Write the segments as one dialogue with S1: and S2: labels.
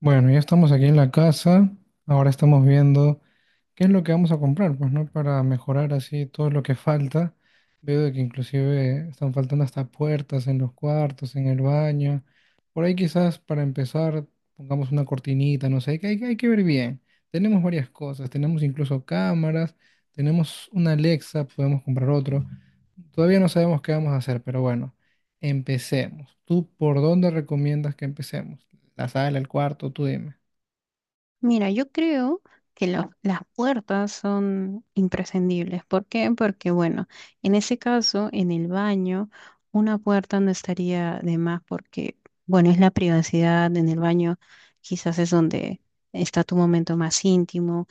S1: Bueno, ya estamos aquí en la casa. Ahora estamos viendo qué es lo que vamos a comprar, pues, ¿no? Para mejorar así todo lo que falta. Veo de que inclusive están faltando hasta puertas en los cuartos, en el baño. Por ahí quizás para empezar pongamos una cortinita, no sé, hay que ver bien. Tenemos varias cosas, tenemos incluso cámaras, tenemos una Alexa, podemos comprar otro. Todavía no sabemos qué vamos a hacer, pero bueno, empecemos. ¿Tú por dónde recomiendas que empecemos? La sala, el cuarto, tú dime.
S2: Mira, yo creo que las puertas son imprescindibles. ¿Por qué? Porque, bueno, en ese caso, en el baño, una puerta no estaría de más porque, bueno, es la privacidad. En el baño quizás es donde está tu momento más íntimo,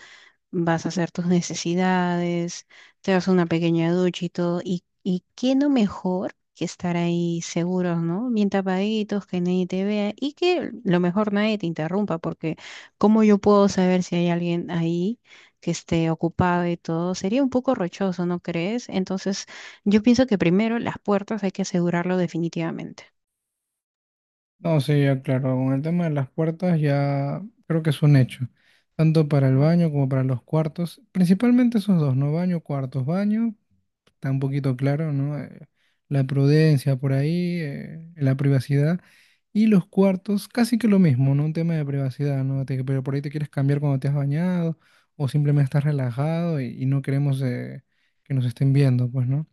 S2: vas a hacer tus necesidades, te das una pequeña ducha y todo. Y qué no mejor que estar ahí seguros, ¿no? Bien tapaditos, que nadie te vea y que lo mejor nadie te interrumpa, porque ¿cómo yo puedo saber si hay alguien ahí que esté ocupado y todo? Sería un poco rochoso, ¿no crees? Entonces, yo pienso que primero las puertas hay que asegurarlo definitivamente.
S1: No, sí, ya claro, con el tema de las puertas ya creo que es un hecho, tanto para el baño como para los cuartos, principalmente esos dos, ¿no? Baño, cuartos, baño, está un poquito claro, ¿no? La prudencia por ahí, la privacidad, y los cuartos, casi que lo mismo, ¿no? Un tema de privacidad, ¿no? Pero por ahí te quieres cambiar cuando te has bañado o simplemente estás relajado y no queremos que nos estén viendo, pues, ¿no?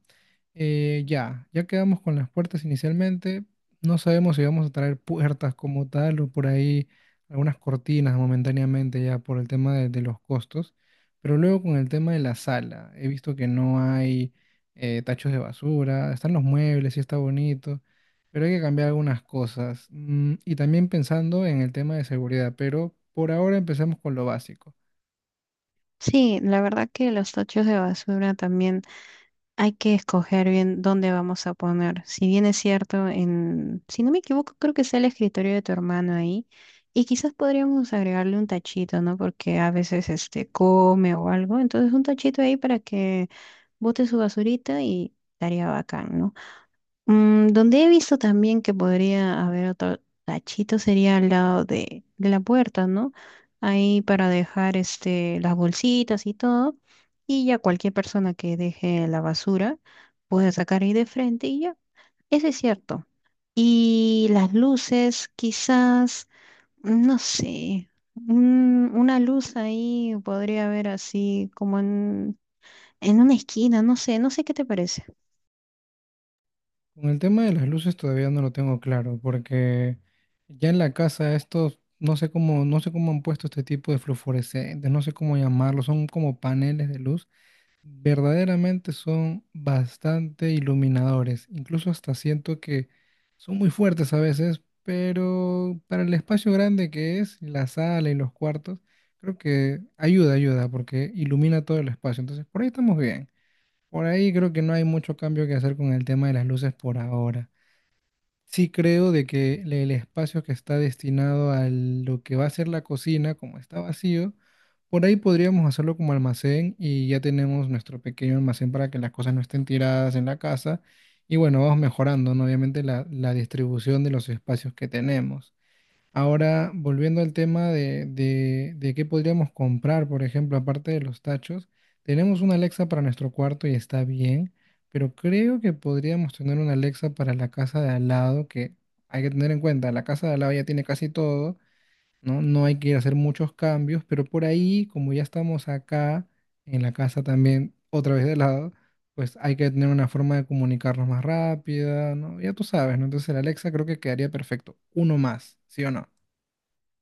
S1: Ya quedamos con las puertas inicialmente. No sabemos si vamos a traer puertas como tal o por ahí algunas cortinas momentáneamente ya por el tema de los costos. Pero luego con el tema de la sala, he visto que no hay tachos de basura, están los muebles, sí está bonito, pero hay que cambiar algunas cosas. Y también pensando en el tema de seguridad, pero por ahora empecemos con lo básico.
S2: Sí, la verdad que los tochos de basura también. Hay que escoger bien dónde vamos a poner. Si bien es cierto, en, si no me equivoco, creo que es el escritorio de tu hermano ahí. Y quizás podríamos agregarle un tachito, ¿no? Porque a veces este come o algo. Entonces un tachito ahí para que bote su basurita y estaría bacán, ¿no? Mm, donde he visto también que podría haber otro tachito sería al lado de la puerta, ¿no? Ahí para dejar este, las bolsitas y todo. Y ya cualquier persona que deje la basura puede sacar ahí de frente y ya. Eso es cierto. Y las luces, quizás, no sé, una luz ahí podría haber así como en una esquina, no sé, no sé qué te parece.
S1: Con el tema de las luces todavía no lo tengo claro, porque ya en la casa estos, no sé cómo, no sé cómo han puesto este tipo de fluorescentes, no sé cómo llamarlos, son como paneles de luz. Verdaderamente son bastante iluminadores. Incluso hasta siento que son muy fuertes a veces, pero para el espacio grande que es, la sala y los cuartos, creo que ayuda, porque ilumina todo el espacio. Entonces, por ahí estamos bien. Por ahí creo que no hay mucho cambio que hacer con el tema de las luces por ahora. Sí creo de que el espacio que está destinado a lo que va a ser la cocina, como está vacío, por ahí podríamos hacerlo como almacén y ya tenemos nuestro pequeño almacén para que las cosas no estén tiradas en la casa. Y bueno, vamos mejorando, ¿no? Obviamente la distribución de los espacios que tenemos. Ahora, volviendo al tema de qué podríamos comprar, por ejemplo, aparte de los tachos, tenemos una Alexa para nuestro cuarto y está bien, pero creo que podríamos tener una Alexa para la casa de al lado, que hay que tener en cuenta, la casa de al lado ya tiene casi todo, ¿no? No hay que hacer muchos cambios, pero por ahí, como ya estamos acá, en la casa también, otra vez de lado, pues hay que tener una forma de comunicarnos más rápida, ¿no? Ya tú sabes, ¿no? Entonces el Alexa creo que quedaría perfecto. Uno más, ¿sí o no?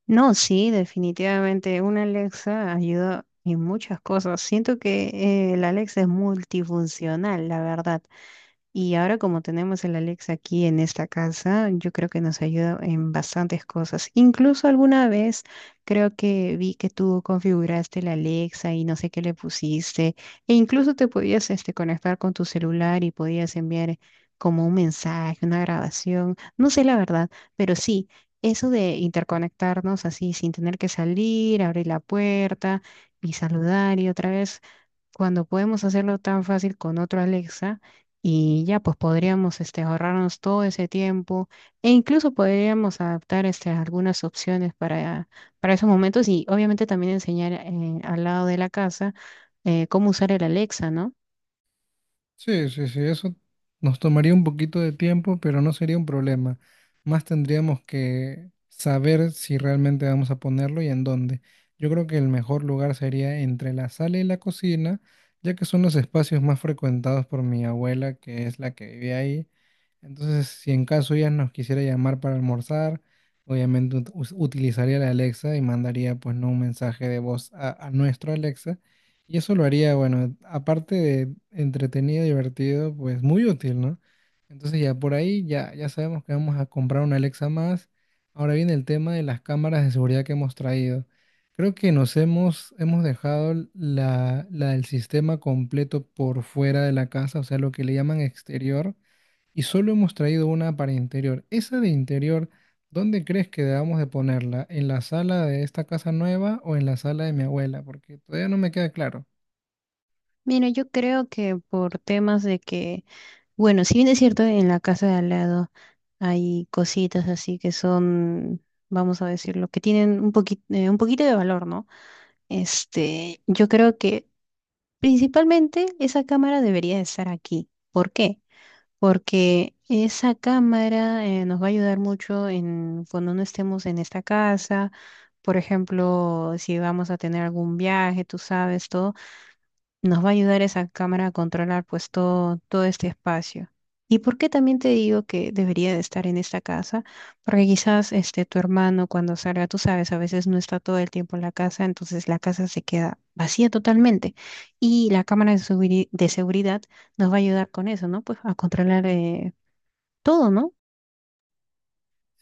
S2: No, sí, definitivamente una Alexa ayuda en muchas cosas. Siento que la Alexa es multifuncional, la verdad. Y ahora como tenemos el Alexa aquí en esta casa, yo creo que nos ayuda en bastantes cosas. Incluso alguna vez creo que vi que tú configuraste el Alexa y no sé qué le pusiste. E incluso te podías este, conectar con tu celular y podías enviar como un mensaje, una grabación. No sé la verdad, pero sí, eso de interconectarnos así sin tener que salir, abrir la puerta y saludar y otra vez cuando podemos hacerlo tan fácil con otro Alexa y ya pues podríamos este, ahorrarnos todo ese tiempo e incluso podríamos adaptar este, algunas opciones para esos momentos y obviamente también enseñar al lado de la casa, cómo usar el Alexa, ¿no?
S1: Sí, sí, sí, eso nos tomaría un poquito de tiempo, pero no sería un problema. Más tendríamos que saber si realmente vamos a ponerlo y en dónde. Yo creo que el mejor lugar sería entre la sala y la cocina, ya que son los espacios más frecuentados por mi abuela, que es la que vive ahí. Entonces, si en caso ella nos quisiera llamar para almorzar, obviamente utilizaría la Alexa y mandaría pues no un mensaje de voz a nuestro Alexa y eso lo haría, bueno, aparte de entretenido, divertido, pues muy útil, ¿no? Entonces ya por ahí ya sabemos que vamos a comprar una Alexa más. Ahora viene el tema de las cámaras de seguridad que hemos traído. Creo que hemos dejado la del sistema completo por fuera de la casa, o sea, lo que le llaman exterior, y solo hemos traído una para interior. Esa de interior, ¿dónde crees que debamos de ponerla? ¿En la sala de esta casa nueva o en la sala de mi abuela? Porque todavía no me queda claro.
S2: Mira, yo creo que por temas de que, bueno, si bien es cierto, en la casa de al lado hay cositas así que son, vamos a decirlo, que tienen un poquito de valor, ¿no? Este, yo creo que principalmente esa cámara debería estar aquí. ¿Por qué? Porque esa cámara, nos va a ayudar mucho en cuando no estemos en esta casa. Por ejemplo, si vamos a tener algún viaje, tú sabes, todo nos va a ayudar esa cámara a controlar pues todo, todo este espacio. ¿Y por qué también te digo que debería de estar en esta casa? Porque quizás este tu hermano cuando salga, tú sabes, a veces no está todo el tiempo en la casa, entonces la casa se queda vacía totalmente. Y la cámara de, de seguridad nos va a ayudar con eso, ¿no? Pues a controlar, todo, ¿no?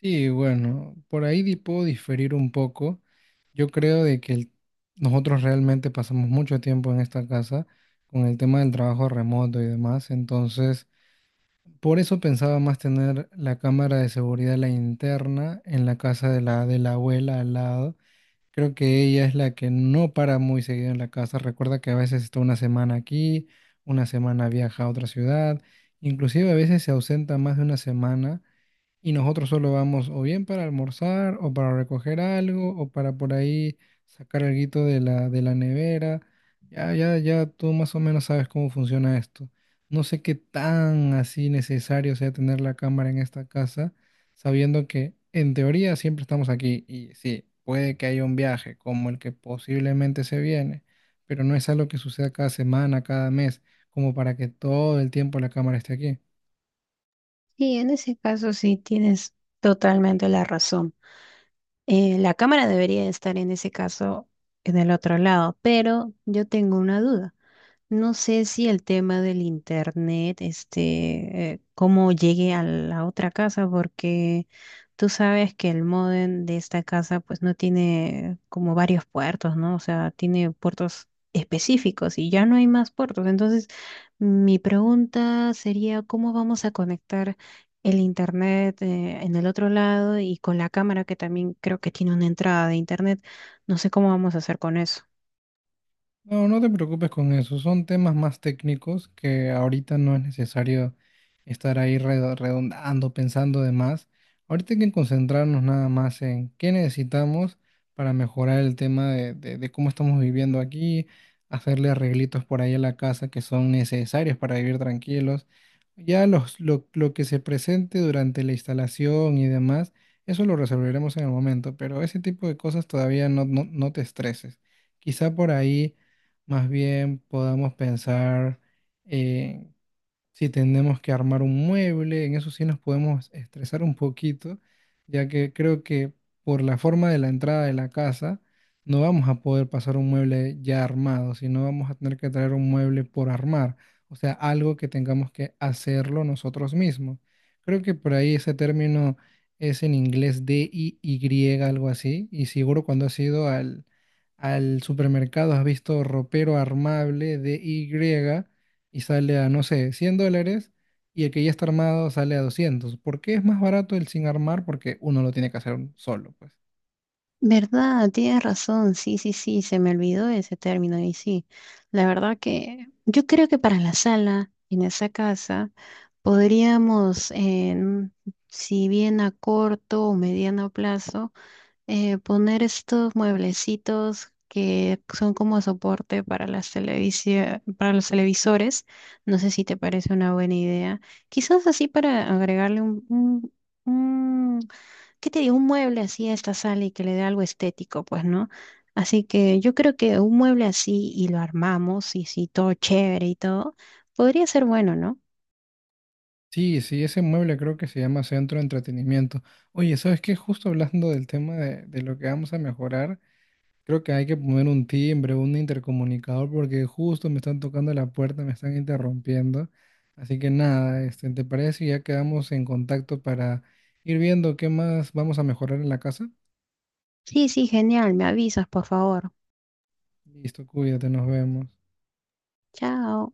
S1: Sí, bueno, por ahí puedo diferir un poco. Yo creo de que nosotros realmente pasamos mucho tiempo en esta casa con el tema del trabajo remoto y demás. Entonces, por eso pensaba más tener la cámara de seguridad, la interna, en la casa de de la abuela al lado. Creo que ella es la que no para muy seguido en la casa. Recuerda que a veces está una semana aquí, una semana viaja a otra ciudad, inclusive a veces se ausenta más de una semana. Y nosotros solo vamos o bien para almorzar o para recoger algo o para por ahí sacar alguito de de la nevera. Ya tú más o menos sabes cómo funciona esto. No sé qué tan así necesario sea tener la cámara en esta casa, sabiendo que en teoría siempre estamos aquí y sí, puede que haya un viaje como el que posiblemente se viene, pero no es algo que suceda cada semana, cada mes, como para que todo el tiempo la cámara esté aquí.
S2: Y en ese caso sí tienes totalmente la razón. La cámara debería de estar en ese caso en el otro lado, pero yo tengo una duda. No sé si el tema del internet, este, cómo llegue a la otra casa, porque tú sabes que el módem de esta casa, pues no tiene como varios puertos, ¿no? O sea, tiene puertos específicos y ya no hay más puertos. Entonces, mi pregunta sería, ¿cómo vamos a conectar el internet, en el otro lado y con la cámara que también creo que tiene una entrada de internet? No sé cómo vamos a hacer con eso.
S1: No, no te preocupes con eso. Son temas más técnicos que ahorita no es necesario estar ahí redondando, pensando de más. Ahorita hay que concentrarnos nada más en qué necesitamos para mejorar el tema de cómo estamos viviendo aquí, hacerle arreglitos por ahí a la casa que son necesarios para vivir tranquilos. Ya lo que se presente durante la instalación y demás, eso lo resolveremos en el momento, pero ese tipo de cosas todavía no te estreses. Quizá por ahí más bien podamos pensar en si tenemos que armar un mueble, en eso sí nos podemos estresar un poquito, ya que creo que por la forma de la entrada de la casa no vamos a poder pasar un mueble ya armado, sino vamos a tener que traer un mueble por armar, o sea, algo que tengamos que hacerlo nosotros mismos. Creo que por ahí ese término es en inglés DIY, algo así, y seguro cuando has ido al supermercado has visto ropero armable DY y sale a, no sé, $100 y el que ya está armado sale a 200. ¿Por qué es más barato el sin armar? Porque uno lo tiene que hacer solo, pues.
S2: Verdad, tienes razón, sí, sí, sí, se me olvidó ese término y sí, la verdad que yo creo que para la sala en esa casa podríamos, en, si bien a corto o mediano plazo, poner estos mueblecitos que son como soporte para las para los televisores, no sé si te parece una buena idea, quizás así para agregarle un, ¿qué te digo? Un mueble así a esta sala y que le dé algo estético, pues, ¿no? Así que yo creo que un mueble así y lo armamos y sí, todo chévere y todo, podría ser bueno, ¿no?
S1: Sí, sí, ese mueble creo que se llama Centro de Entretenimiento. Oye, ¿sabes qué? Justo hablando del tema de lo que vamos a mejorar, creo que hay que poner un timbre, un intercomunicador, porque justo me están tocando la puerta, me están interrumpiendo. Así que nada, este, ¿te parece si ya quedamos en contacto para ir viendo qué más vamos a mejorar en la casa?
S2: Sí, sí, genial, me avisas, por favor.
S1: Listo, cuídate, nos vemos.
S2: Chao.